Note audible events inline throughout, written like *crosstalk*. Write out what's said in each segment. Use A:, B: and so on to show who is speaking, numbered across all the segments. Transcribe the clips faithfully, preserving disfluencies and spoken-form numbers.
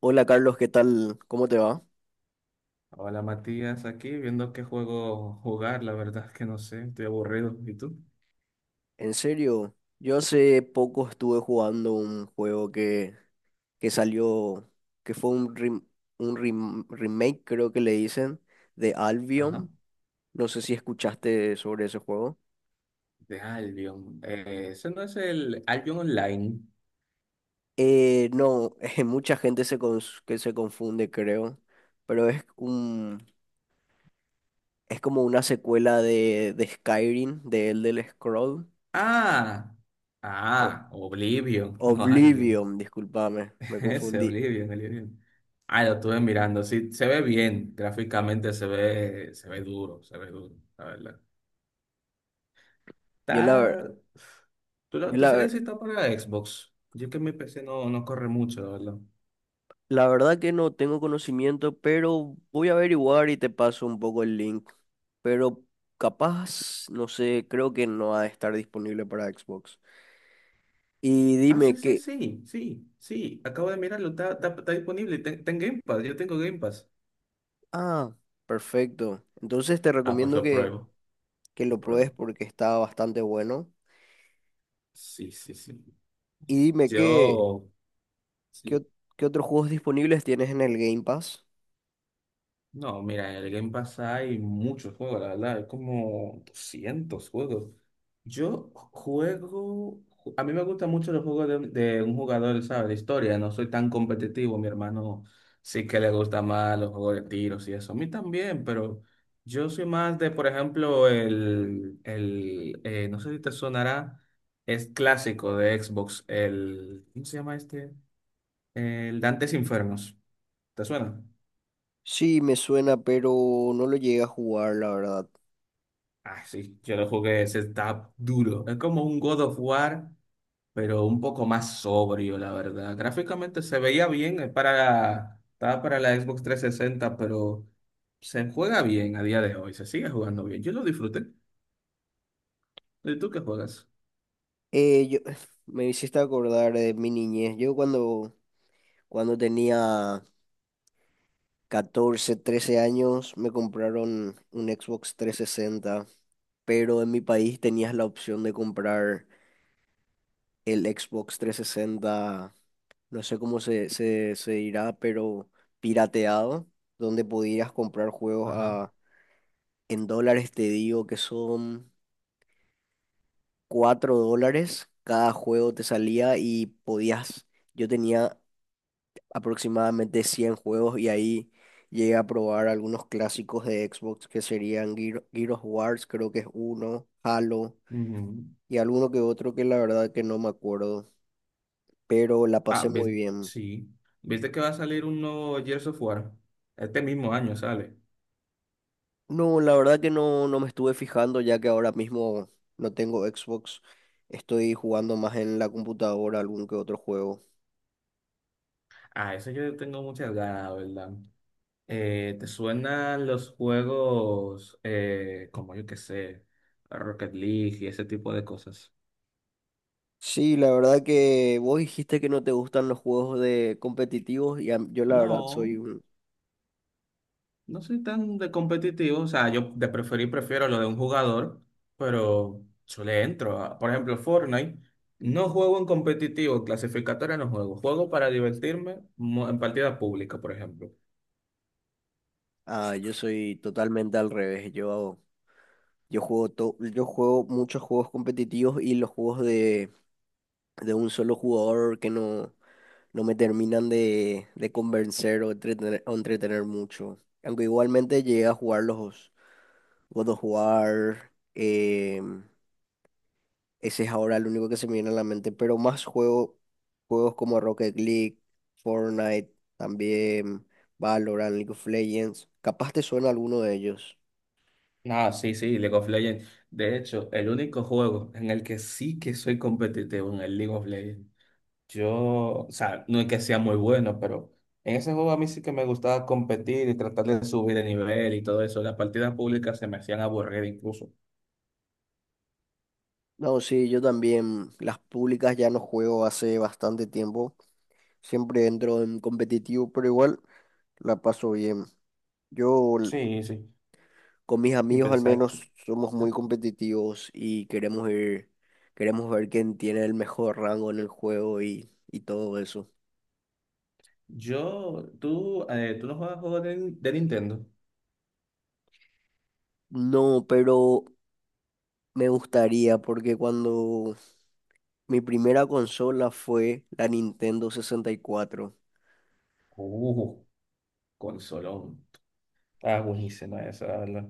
A: Hola Carlos, ¿qué tal? ¿Cómo te va?
B: Hola Matías, aquí viendo qué juego jugar, la verdad es que no sé, estoy aburrido. ¿Y tú?
A: En serio, yo hace poco estuve jugando un juego que, que salió, que fue un, rem- un rem- remake, creo que le dicen, de
B: Ajá.
A: Albion. No sé si escuchaste sobre ese juego.
B: De Albion. Eh, ese no es el Albion Online.
A: Eh, no, *laughs* eh, mucha gente se cons- que se confunde, creo, pero es un, es como una secuela de, de Skyrim, de Elder Scroll,
B: Ah,
A: o
B: ah, Oblivion, *laughs* no Albion.
A: Oblivion, discúlpame, me
B: *laughs* Ese
A: confundí.
B: Oblivion, Oblivion. Ah, lo estuve mirando, sí, se ve bien, gráficamente se ve, se ve duro, se ve duro, la verdad.
A: Yo la verdad.
B: Está... ¿Tú,
A: Yo
B: lo- tú
A: la,
B: sabes
A: ver-
B: si está para Xbox? Yo que mi P C no, no corre mucho, la verdad.
A: La verdad que no tengo conocimiento, pero voy a averiguar y te paso un poco el link. Pero capaz, no sé, creo que no ha de estar disponible para Xbox. Y
B: Ah,
A: dime
B: sí, sí,
A: que...
B: sí, sí, sí. Acabo de mirarlo, está, está, está disponible. Ten- Está en Game Pass, yo tengo Game Pass.
A: Ah, perfecto. Entonces te
B: Ah, pues
A: recomiendo
B: lo
A: que,
B: pruebo,
A: que
B: lo
A: lo pruebes
B: pruebo.
A: porque está bastante bueno.
B: Sí, sí, sí.
A: Y dime qué,
B: Yo,
A: qué,
B: sí.
A: ot- qué otros juegos disponibles tienes en el Game Pass.
B: No, mira, en el Game Pass hay muchos juegos, la verdad, hay como doscientos juegos. Yo juego, a mí me gustan mucho los juegos de, de un jugador, ¿sabes? De historia, no soy tan competitivo, mi hermano sí que le gusta más los juegos de tiros y eso, a mí también, pero yo soy más de, por ejemplo, el, el eh, no sé si te sonará, es clásico de Xbox, el, ¿cómo se llama este? El Dantes Infernos, ¿te suena?
A: Sí, me suena, pero no lo llegué a jugar, la verdad.
B: Ah, sí, yo lo jugué, ese está duro. Es como un God of War, pero un poco más sobrio, la verdad. Gráficamente se veía bien, es para, estaba para la Xbox trescientos sesenta, pero se juega bien a día de hoy, se sigue jugando bien. Yo lo disfruté. ¿Y tú qué juegas?
A: Eh, yo, *sighs* Me hiciste acordar de mi niñez. Yo cuando Cuando tenía catorce, trece años, me compraron un Xbox trescientos sesenta. Pero en mi país tenías la opción de comprar el Xbox trescientos sesenta. No sé cómo se, se, se dirá, pero pirateado, donde podías comprar juegos
B: Ajá.
A: a, en dólares, te digo que son cuatro dólares cada juego te salía, y podías, yo tenía aproximadamente cien juegos, y ahí llegué a probar algunos clásicos de Xbox que serían Gear- Gears of Wars, creo que es uno, Halo
B: Ujú.
A: y alguno que otro que la verdad que no me acuerdo, pero la
B: Ah,
A: pasé
B: ves-
A: muy bien.
B: sí. ¿Viste que va a salir un nuevo Gears of War? Este mismo año sale.
A: No, la verdad que no, no me estuve fijando ya que ahora mismo no tengo Xbox, estoy jugando más en la computadora algún que otro juego.
B: Ah, eso yo tengo muchas ganas, la ¿verdad? Eh, ¿te suenan los juegos eh, como yo que sé, Rocket League y ese tipo de cosas?
A: Sí, la verdad que vos dijiste que no te gustan los juegos de competitivos y a- yo la verdad soy
B: No,
A: un.
B: no soy tan de competitivo. O sea, yo de preferir prefiero lo de un jugador, pero yo le entro, a- por ejemplo, Fortnite, no juego en competitivo, clasificatoria no juego. Juego para divertirme mo- en partida pública, por ejemplo.
A: Ah, yo soy totalmente al revés. Yo, yo juego to- yo juego muchos juegos competitivos, y los juegos de, de, un solo jugador que no, no me terminan de, de convencer o entretener, o entretener mucho. Aunque igualmente llegué a jugar los God of War. Em, ese es ahora el único que se me viene a la mente. Pero más juego juegos como Rocket League, Fortnite, también Valorant, League of Legends. Capaz te suena alguno de ellos.
B: Ah, sí, sí, League of Legends. De hecho, el único juego en el que sí que soy competitivo en el League of Legends. Yo, o sea, no es que sea muy bueno, pero en ese juego a mí sí que me gustaba competir y tratar de subir de nivel y todo eso. Las partidas públicas se me hacían aburrir incluso.
A: No, sí, yo también. Las públicas ya no juego hace bastante tiempo. Siempre entro en competitivo, pero igual la paso bien. Yo l-
B: Sí, sí,
A: con mis amigos al
B: exacto.
A: menos somos muy competitivos y queremos ir, queremos ver quién tiene el mejor rango en el juego y, y todo eso.
B: Yo, tú, eh, tú no juegas juegos de, de Nintendo.
A: No, pero me gustaría porque cuando mi primera consola fue la Nintendo sesenta y cuatro.
B: Uh, consolón. Está buenísimo eso, la verdad.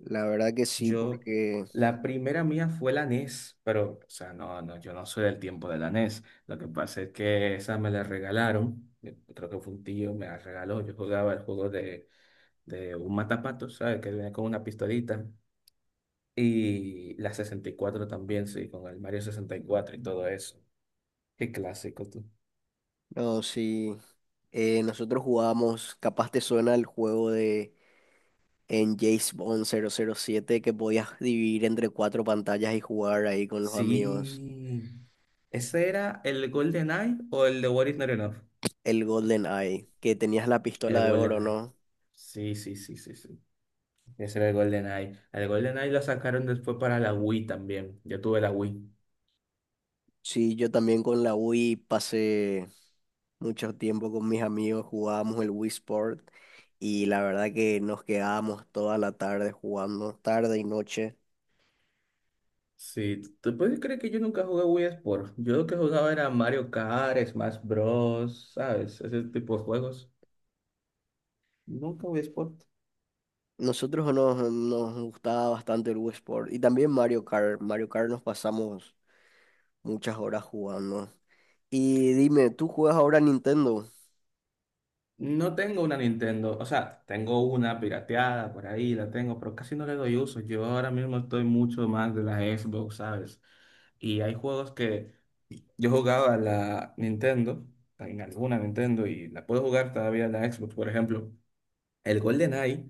A: La verdad que sí,
B: Yo,
A: porque.
B: la primera mía fue la NES, pero, o sea, no, no, yo no soy del tiempo de la NES. Lo que pasa es que esa me la regalaron, eh, creo que fue un tío, me la regaló. Yo jugaba el juego de, de un matapato, ¿sabes? Que viene con una pistolita. Y la sesenta y cuatro también, sí, con el Mario sesenta y cuatro y todo eso. Qué clásico, tú.
A: No, sí. Eh, nosotros jugábamos, capaz te suena el juego de en James Bond cero cero siete que podías dividir entre cuatro pantallas y jugar ahí con los amigos.
B: Sí. ¿Ese era el Golden Eye o el de What Is Not Enough?
A: El Golden Eye, que tenías la
B: El
A: pistola de
B: Golden
A: oro,
B: Eye.
A: ¿no?
B: Sí, sí, sí, sí, sí. Ese era el GoldenEye. El GoldenEye lo sacaron después para la Wii también. Yo tuve la Wii.
A: Sí, yo también con la Wii pasé mucho tiempo con mis amigos, jugábamos el Wii Sport y la verdad que nos quedábamos toda la tarde jugando, tarde y noche.
B: Sí, ¿tú puedes creer que yo nunca jugué Wii Sport? Yo lo que jugaba era Mario Kart, Smash Bros, ¿sabes? Ese tipo de juegos. Nunca Wii Sport.
A: Nosotros nos, nos gustaba bastante el Wii Sport y también Mario Kart. Mario Kart nos pasamos muchas horas jugando. Y dime, ¿tú juegas ahora a Nintendo?
B: No tengo una Nintendo, o sea, tengo una pirateada por ahí, la tengo, pero casi no le doy uso. Yo ahora mismo estoy mucho más de la Xbox, ¿sabes? Y hay juegos que yo jugaba a la Nintendo, en alguna Nintendo, y la puedo jugar todavía en la Xbox. Por ejemplo, el GoldenEye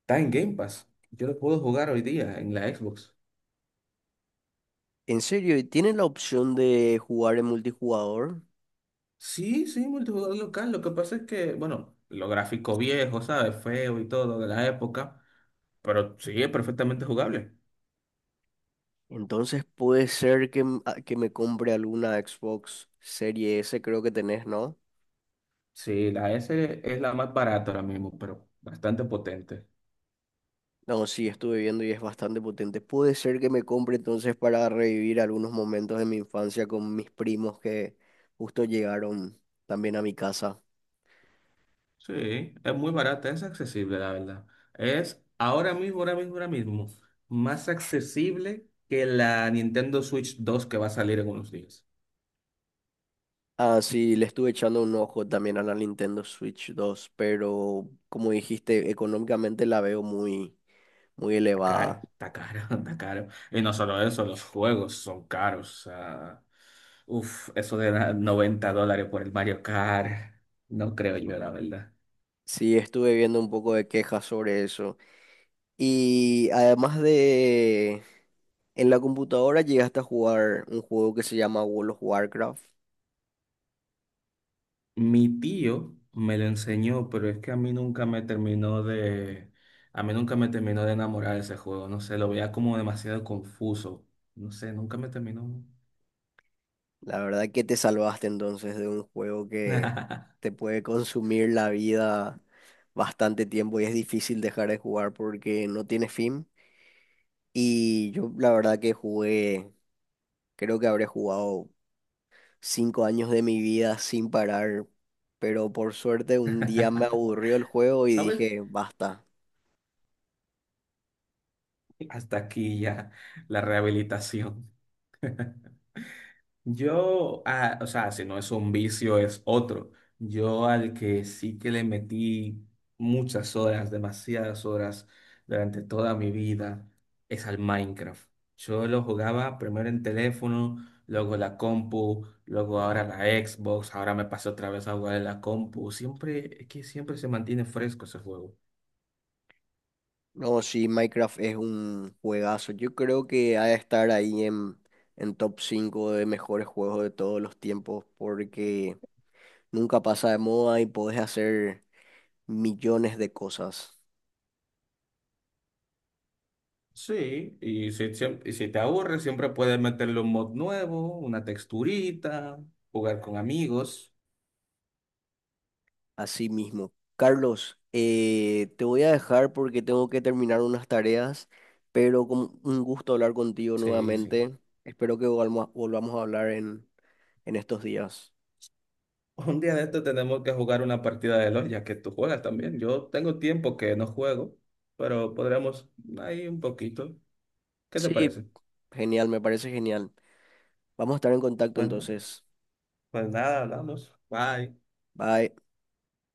B: está en Game Pass. Yo lo puedo jugar hoy día en la Xbox.
A: ¿En serio? ¿Y tienes la opción de jugar en multijugador?
B: Sí, sí, multijugador local. Lo que pasa es que, bueno, lo gráfico viejo, ¿sabes? Feo y todo de la época, pero sí, es perfectamente jugable.
A: Entonces puede ser que, m- a- que me compre alguna Xbox Serie S, creo que tenés, ¿no?
B: Sí, la ese es la más barata ahora mismo, pero bastante potente.
A: No, sí, estuve viendo y es bastante potente. Puede ser que me compre entonces para revivir algunos momentos de mi infancia con mis primos que justo llegaron también a mi casa.
B: Sí, es muy barata, es accesible, la verdad. Es ahora mismo, ahora mismo, ahora mismo, más accesible que la Nintendo Switch dos que va a salir en unos días.
A: Ah, sí, le estuve echando un ojo también a la Nintendo Switch dos, pero como dijiste, económicamente la veo muy, muy
B: Está
A: elevada.
B: caro, está caro, *laughs* está caro. Y no solo eso, los juegos son caros. O sea, uf, eso de la- noventa dólares por el Mario Kart, no creo yo, la verdad.
A: Sí, estuve viendo un poco de quejas sobre eso. Y además de en la computadora llegaste a jugar un juego que se llama World of Warcraft.
B: Mi tío me lo enseñó, pero es que a mí nunca me terminó de, a mí nunca me terminó de enamorar ese juego. No sé, lo veía como demasiado confuso. No sé, nunca me terminó.
A: La verdad que te salvaste entonces de un juego que
B: *laughs*
A: te puede consumir la vida bastante tiempo y es difícil dejar de jugar porque no tiene fin. Y yo la verdad que jugué Creo que habré jugado cinco años de mi vida sin parar, pero por suerte un día me aburrió el juego y
B: ¿Sabes?
A: dije, basta.
B: Hasta aquí ya la rehabilitación. Yo, ah, o sea, si no es un vicio, es otro. Yo al que sí que le metí muchas horas, demasiadas horas durante toda mi vida, es al Minecraft. Yo lo jugaba primero en teléfono, luego la compu, luego ahora la Xbox, ahora me pasé otra vez a jugar en la compu. Siempre, es que siempre se mantiene fresco ese juego.
A: No, sí, Minecraft es un juegazo. Yo creo que ha de estar ahí en, en, top cinco de mejores juegos de todos los tiempos porque nunca pasa de moda y podés hacer millones de cosas.
B: Sí, y si, siem- y si te aburres, siempre puedes meterle un mod nuevo, una texturita, jugar con amigos.
A: Así mismo. Carlos, eh, te voy a dejar porque tengo que terminar unas tareas, pero con un gusto hablar contigo
B: Sí, sí.
A: nuevamente. Espero que volvamos, volvamos a hablar en, en, estos días.
B: Un día de esto tenemos que jugar una partida de L O L, ya que tú juegas también. Yo tengo tiempo que no juego, pero podríamos ahí un poquito. ¿Qué te
A: Sí,
B: parece?
A: genial, me parece genial. Vamos a estar en contacto
B: Bueno,
A: entonces.
B: pues nada, hablamos. Bye.
A: Bye.